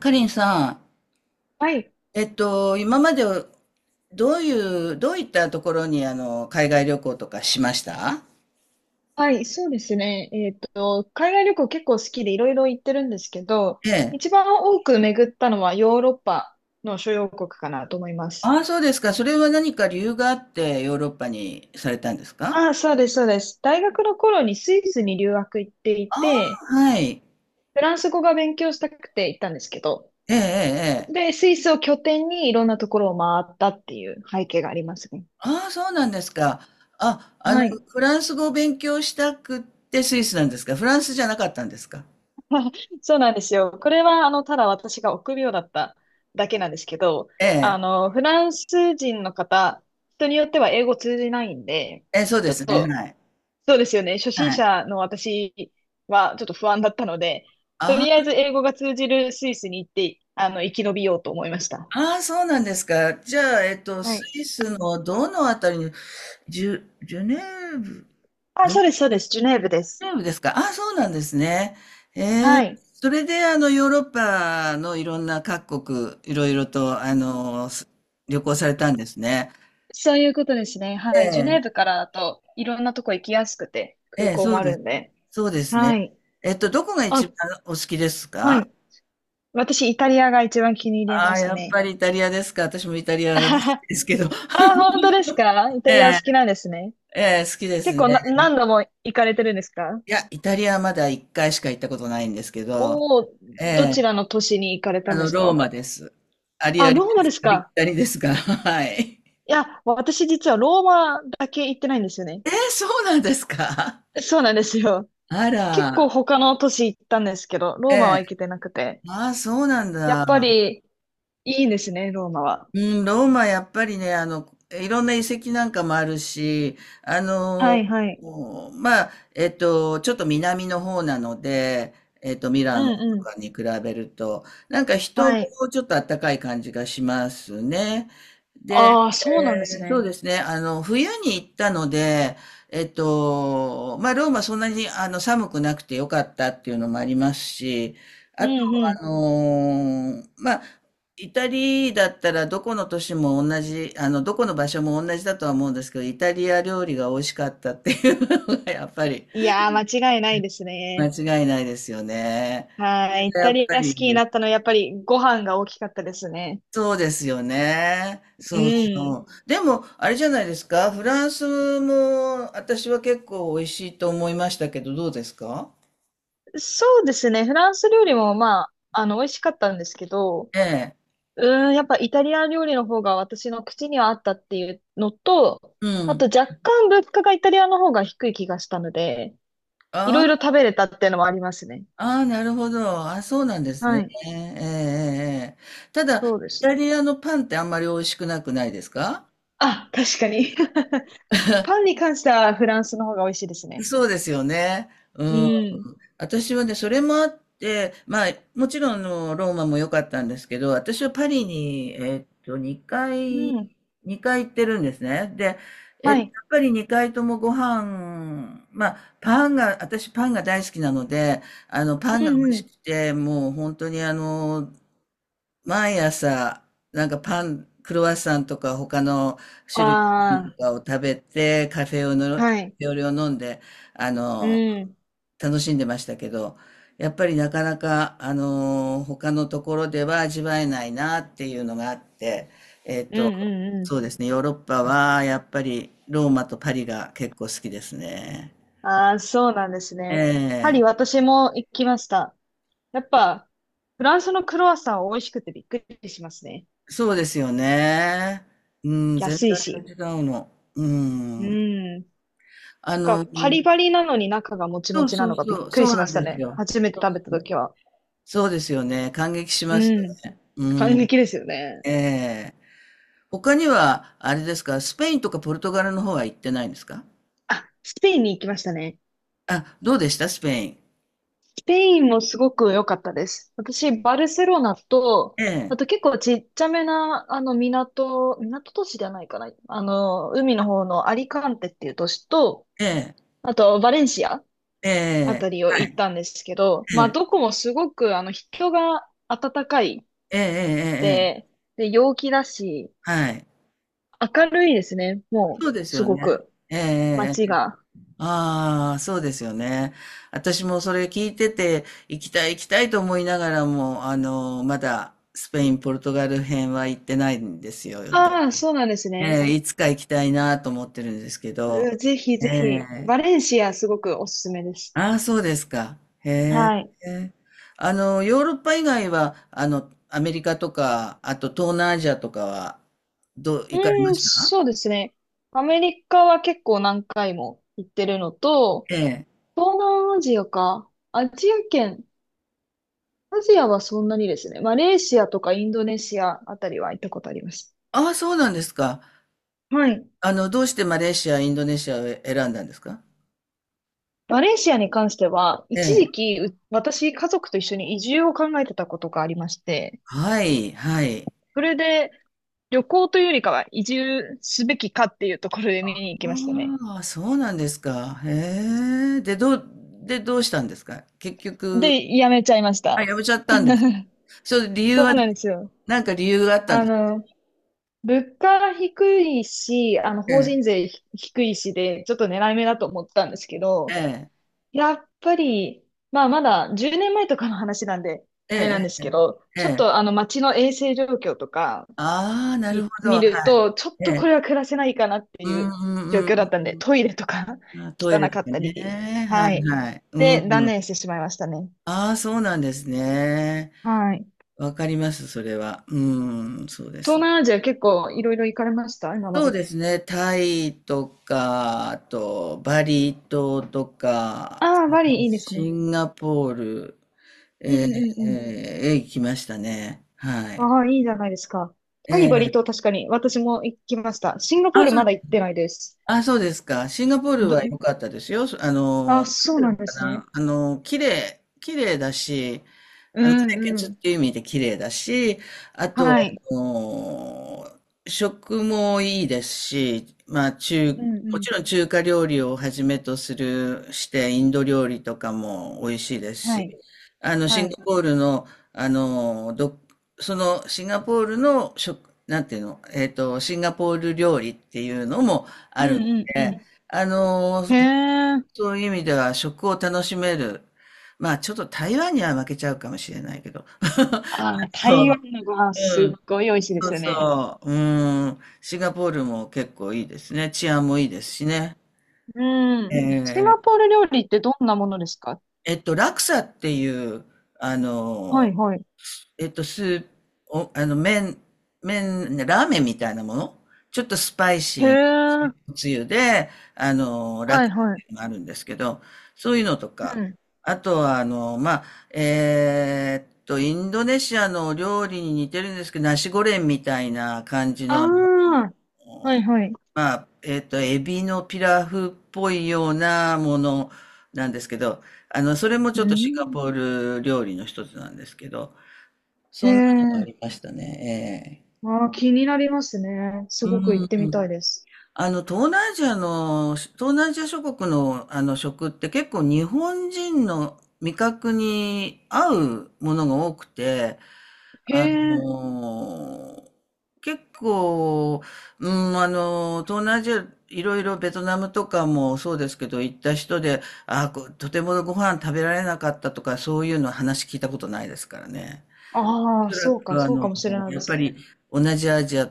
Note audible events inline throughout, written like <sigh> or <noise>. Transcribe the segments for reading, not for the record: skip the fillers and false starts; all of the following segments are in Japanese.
かりんさん、はい。今までどういったところに海外旅行とかしました。はい。そうですね。海外旅行結構好きでいろいろ行ってるんですけど、ええ。一番多く巡ったのはヨーロッパの諸要国かなと思います。ああ、そうですか。それは何か理由があってヨーロッパにされたんですか？ああ、そうです、そうです。大学の頃にスイスに留学行っていあて、あ、はい。フランス語が勉強したくて行ったんですけど、ええ、ええ、ええ。スイスを拠点にいろんなところを回ったっていう背景がありますね。ああ、そうなんですか。あ、あの、はい。フランス語を勉強したくってスイスなんですか？フランスじゃなかったんですか？ <laughs> そうなんですよ。これは、ただ私が臆病だっただけなんですけど、ええ、フランス人の方、人によっては英語通じないんで、ええ、そうちでょっすね。はと、い。そうですよね。初心はい。者の私はちょっと不安だったので、とありあえず英語が通じるスイスに行って、生き延びようと思いました。ああそうなんですか。じゃあ、はスい。イスのどのあたりに、ジュネーブ、あ、どそこうでジす、そうです。ジュネーブでュす。ネーブですかあ、そうなんですね。えはー、い。それでヨーロッパのいろんな各国、いろいろと旅行されたんですね。そういうことですね。はい。えジュネーえ、ブからだといろんなとこ行きやすくて、え空え、港そもうあでるす。んで。そうですはね。い。えっと、どこが一あ、番お好きですはか？い。私、イタリアが一番気に入りあまあ、したやっね。ぱりイタリアですか。私もイタリ <laughs> アなんであすけど。<laughs> あ本当ですか？イタえリアおえ、好きなんですね。ええ、好きです結構な、ね。何度も行かれてるんですか？いや、イタリアまだ一回しか行ったことないんですけど、おおー、えどえ。ちらの都市に行かれたあんでの、すローか？マです。あ、ローマですありきか？たりですが、<laughs> はい。いや、私実はローマだけ行ってないんですよね。えー、そうなんですか。そうなんですよ。あ結構ら、他の都市行ったんですけど、えローマはえ、行けてなくて。ああ、そうなんやっだ。ぱり、いいんですね、ローマは。うん、ローマやっぱりね、いろんな遺跡なんかもあるし、あはの、いはい。もうまあ、ちょっと南の方なので、ミうラノとんうかん。に比べると、なんか人もはい。ちょっと暖かい感じがしますね。で、ああ、そうなんですえー、そうね。ですね、冬に行ったので、まあ、ローマそんなに寒くなくてよかったっていうのもありますし、うあと、んうん。あのーまあ、イタリだったらどこの都市も同じ、どこの場所も同じだとは思うんですけど、イタリア料理が美味しかったっていうのがやっぱりいやー、間違いないです間ね。違いないですよね。そはれい。イがやタっリぱアり好いきいにでなっす。たのはやっぱりご飯が大きかったですね。そうですよね。うそうそん。う。でも、あれじゃないですか、フランスも私は結構美味しいと思いましたけど、どうですか？そうですね。フランス料理もまあ、美味しかったんですけど、ええ。やっぱイタリア料理の方が私の口にはあったっていうのと、うあとん。若干物価がイタリアの方が低い気がしたので、いあろいろあ、食べれたっていうのもありますね。ああ、なるほど。あ、そうなんですはね。い。ええええええ。ただ、イそうですタね。リアのパンってあんまり美味しくなくないですか？あ、確かに。<laughs> パンに関してはフランスの方が美味しいですね。そうですよね。ううん。ん。私はね、それもあって、まあ、もちろんあのローマも良かったんですけど、私はパリに、2うん。回、2回行ってるんですね。で、はい。やっぱり2回ともご飯、まあ、パンが、私パンが大好きなので、パンうが美味んうしん。くて、もう本当に毎朝、なんかパン、クロワッサンとか他の種類のパンとあかを食べて、カフェオレあ、の、はい。料理オを飲んで、あうの、ん。楽しんでましたけど、やっぱりなかなか、他のところでは味わえないなっていうのがあって、えっうと、んうんそううですね、ヨーロッパはやっぱりローマとパリが結構好きですね。ん。ああ、そうなんですえね。パリ、え、私も行きました。やっぱ、フランスのクロワッサンは美味しくてびっくりしますね。そうですよね。うん、全安い然し。違うの。ううん。ん。あが、の、パリパリなのに中がもちもそうちなそのうがびっそう、くそりうしなまんしたですね。よ。初めてそう食べたそう。時は。そうですよね。感激しますようん。ね。う感ん。激ですよね。ええ。他には、あれですか、スペインとかポルトガルの方は行ってないんですか？あ、スペインに行きましたね。あ、どうでした？スペイン。ペインもすごく良かったです。私、バルセロナと、えあえ、と結構ちっちゃめな、港、港都市じゃないかな。海の方のアリカンテっていう都市と、ええ、あと、バレンシアえあえ、たりを行ったんですけど、まあ、どこもすごく、人が温かいええ、ええええええええ。で、陽気だし、はい。明るいですね。もう、そうですすよごね。く、ええええ街ええ、が。あ、そうですよね。ええええ、ああそうですよね、私もそれ聞いてて、行きたい行きたいと思いながらも、まだスペイン、ポルトガル編は行ってないんですよ。ああ、そうなんですね。ええ、いつか行きたいなと思ってるんですけど。うぜひえぜひ、え。バレンシアすごくおすすめです。ああ、そうですか。へはい。え。ヨーロッパ以外は、アメリカとか、あと東南アジアとかは、どう、う行かれました？そうですね。アメリカは結構何回も行ってるのと、ええ。東南アジアか。アジア圏。アジアはそんなにですね。マレーシアとかインドネシアあたりは行ったことあります。ああ、そうなんですか。はい。どうしてマレーシア、インドネシアを選んだんですか？マレーシアに関しては、え一え。時期、う私、家族と一緒に移住を考えてたことがありまして、はい、はい。それで、旅行というよりかは移住すべきかっていうところで見に行きましたね。ああ、そうなんですか。へえ。で、どうしたんですか、結局？で、やめちゃいましあ、た。やめちゃったん <laughs> ですか？それ理由そは、うなんですよ。なんか理由があったんあです。の、物価低いし、え法え、人税ひ低いしで、ちょっと狙い目だと思ったんですけえど、え、やっぱり、まあ、まだ10年前とかの話なんで、えあれなんでえすええええ、けど、ええちょっえとえ。あの、街の衛生状況とかああ、なるほど、見はるい、と、ちょっえとえ。これは暮らせないかなってういんううん状う況だっんたんうで、んトイレとか うん。あ、<laughs> トイレ汚とかかったね、り、ははいい。はい。うんで、う断ん。念してしまいましたね。ああ、そうなんですね。はい。わかります、それは。うん、そうで東す。南アジア結構いろいろ行かれました今まそうで。ですね、タイとか、あとバリ島とか、ああ、バリいいですね。シンガポール、うんええ、うんうん。えー行きましたね。はい。ああ、いいじゃないですか。えタイバリえ。島確かに私も行きました。シンガポーあ、ルそう、まだ行ってないです。あ、そうですか。シンガポールど、は良かったですよ。そああ、の、なんそてういうなんのでかすね。な。あの、綺麗だし、う清んう潔っん。ていう意味で綺麗だし、あと、はい。あの食もいいですし、まあ中、うんもうん。ちろん中華料理をはじめとするして、インド料理とかも美味しいですはし、い。あの、シはンい。ガポールの、あのど、そのシンガポールの食、なんていうの、シンガポール料理っていうのもうあるんのうんうで、ん。あの、へえ。そういう意味では食を楽しめる。まあちょっと台湾には負けちゃうかもしれないけど。あーそ台う。湾のご飯すうん。っごい美味しいでそすうよね。そう。うん。シンガポールも結構いいですね。治安もいいですしね。うん。シンええ、ガポール料理ってどんなものですか？ラクサっていう、あはの、いはい。スープ、お、あの、麺、麺、ラーメンみたいなもの、ちょっとスパイシへーえ。なつゆで、ラはいクはい。メもあるんですけど、そういうのとうか、ん。あとは、あの、まあ、インドネシアの料理に似てるんですけど、ナシゴレンみたいな感じあの、あ、はいはい。まあ、エビのピラフっぽいようなものなんですけど、それもちうょっとシンガん。ポール料理の一つなんですけど、へそんなのがあえ。りましたね。ああ、気になりますね。すええ、ごく行ってうみたいん。です。東南アジア諸国の、あの食って結構日本人の味覚に合うものが多くて、へあえ。の結構、うん、東南アジア、いろいろベトナムとかもそうですけど、行った人で、あーことてもご飯食べられなかったとか、そういうの話聞いたことないですからね。ああ、おそらそうか、くそうかもしれないやでっすぱりね。同じアジア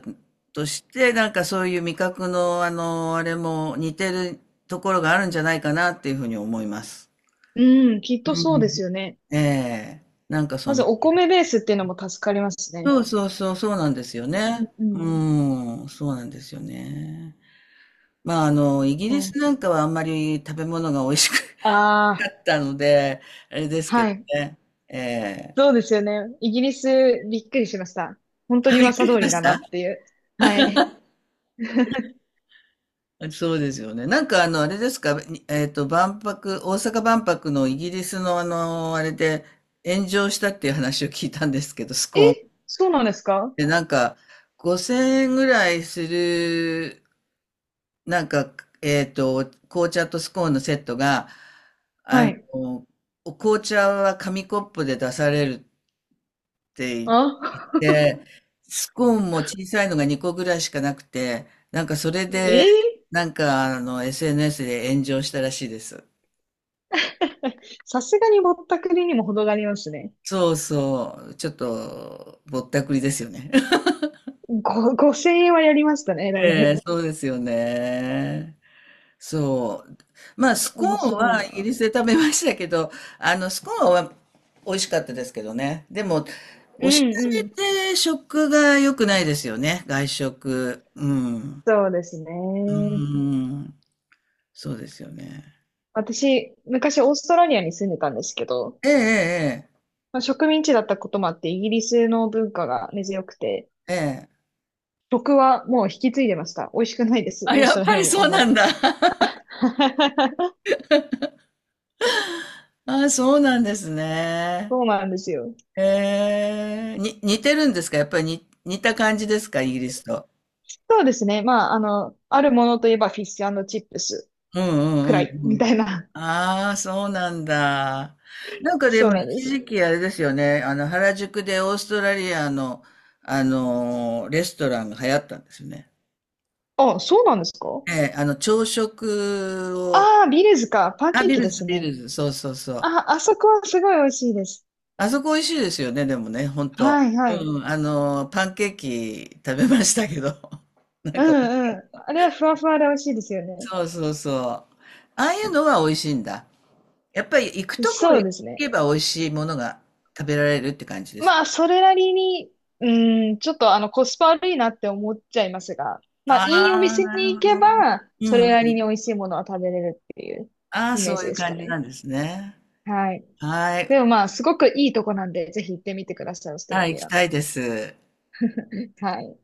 として、なんかそういう味覚のあの、あれも似てるところがあるんじゃないかなっていうふうに思います。うん、きっとうそうですん。よね。ええ、なんかそまずの、お米ベースっていうのも助かりますね。そうそうそう、そうなんですようね。ん、ううん。ん、そうなんですよね。まああの、イギうリんスなんかはあんまり食べ物が美味しくあなあ、かったので、あれですけはどい。ね。ええ、そうですよね。イギリス、びっくりしました。本当あ、にびっく噂りし通まりしだなた。っていう。はい。<laughs> あ、そうですよね。なんかあの、あれですか、にえっと、万博、大阪万博のイギリスのあの、あれで炎上したっていう話を聞いたんですけど、スえ、コーン。そうなんですか？で、なんか、5000円ぐらいする、なんか、紅茶とスコーンのセットが、あはい。の、お紅茶は紙コップで出されるって、あ、で、スコーンも小さいのが2個ぐらいしかなくて、なんかそれ <laughs> えで、ーなんかあの SNS で炎上したらしいです。さすがにぼったくりにも程がありますね。そうそう、ちょっとぼったくりですよね。<laughs> ご、5千円はやりましたね、だいええ、ぶ。そうですよね。そう。まあ、スコ面ーン白いはイギな。リスで食べましたけど、あの、スコーンは美味しかったですけどね。でも、うおしんゃうん。れで食が良くないですよね。外食。うん。そうですうね。ん。そうですよね。私、昔オーストラリアに住んでたんですけど、ええ、まあ、植民地だったこともあってイギリスの文化が根強くて、ええ、ええ。食はもう引き継いでました。美味しくないです。あ、オースやトっラぱリアりもあそんうまなり。んだ。<laughs> <laughs> あ、そうなんですね。そうなんですよ。ええ、似てるんですか？やっぱりに似た感じですか？イギリスと。そうですね。まあ、あるものといえばフィッシュチップスうくんうらんいうんみうん。たいな。ああ、そうなんだ。なん <laughs> かでそうもなんで一す。時期あれですよね。原宿でオーストラリアの、レストランが流行ったんですよね。あ、そうなんですか？ええ、朝食を、ああー、ビレーズか。パンケーキですビね。ルズ、そうそうそう。あ、あそこはすごい美味しいです。あそこ美味しいですよね、でもね、ほんと。はい、はい。うん、パンケーキ食べましたけど。<laughs> なんうか、ん、うん。あれはふわふわで美味しいですよね。そうそうそう。ああいうのは美味しいんだ。やっぱり行くとこそう行ですね。けば美味しいものが食べられるって感じですか？まあ、それなりに、うん、ちょっとコスパ悪いなって思っちゃいますが、あまあ、いいおあ、店なに行るけほど。ば、うそんれなうりん。に美味しいものは食べれるっていうああ、イメーそうジいうですか感じなね。んですね。はい。はい。でもまあ、すごくいいとこなんで、ぜひ行ってみてください、オーストラはい、行リきア。たいです。はい。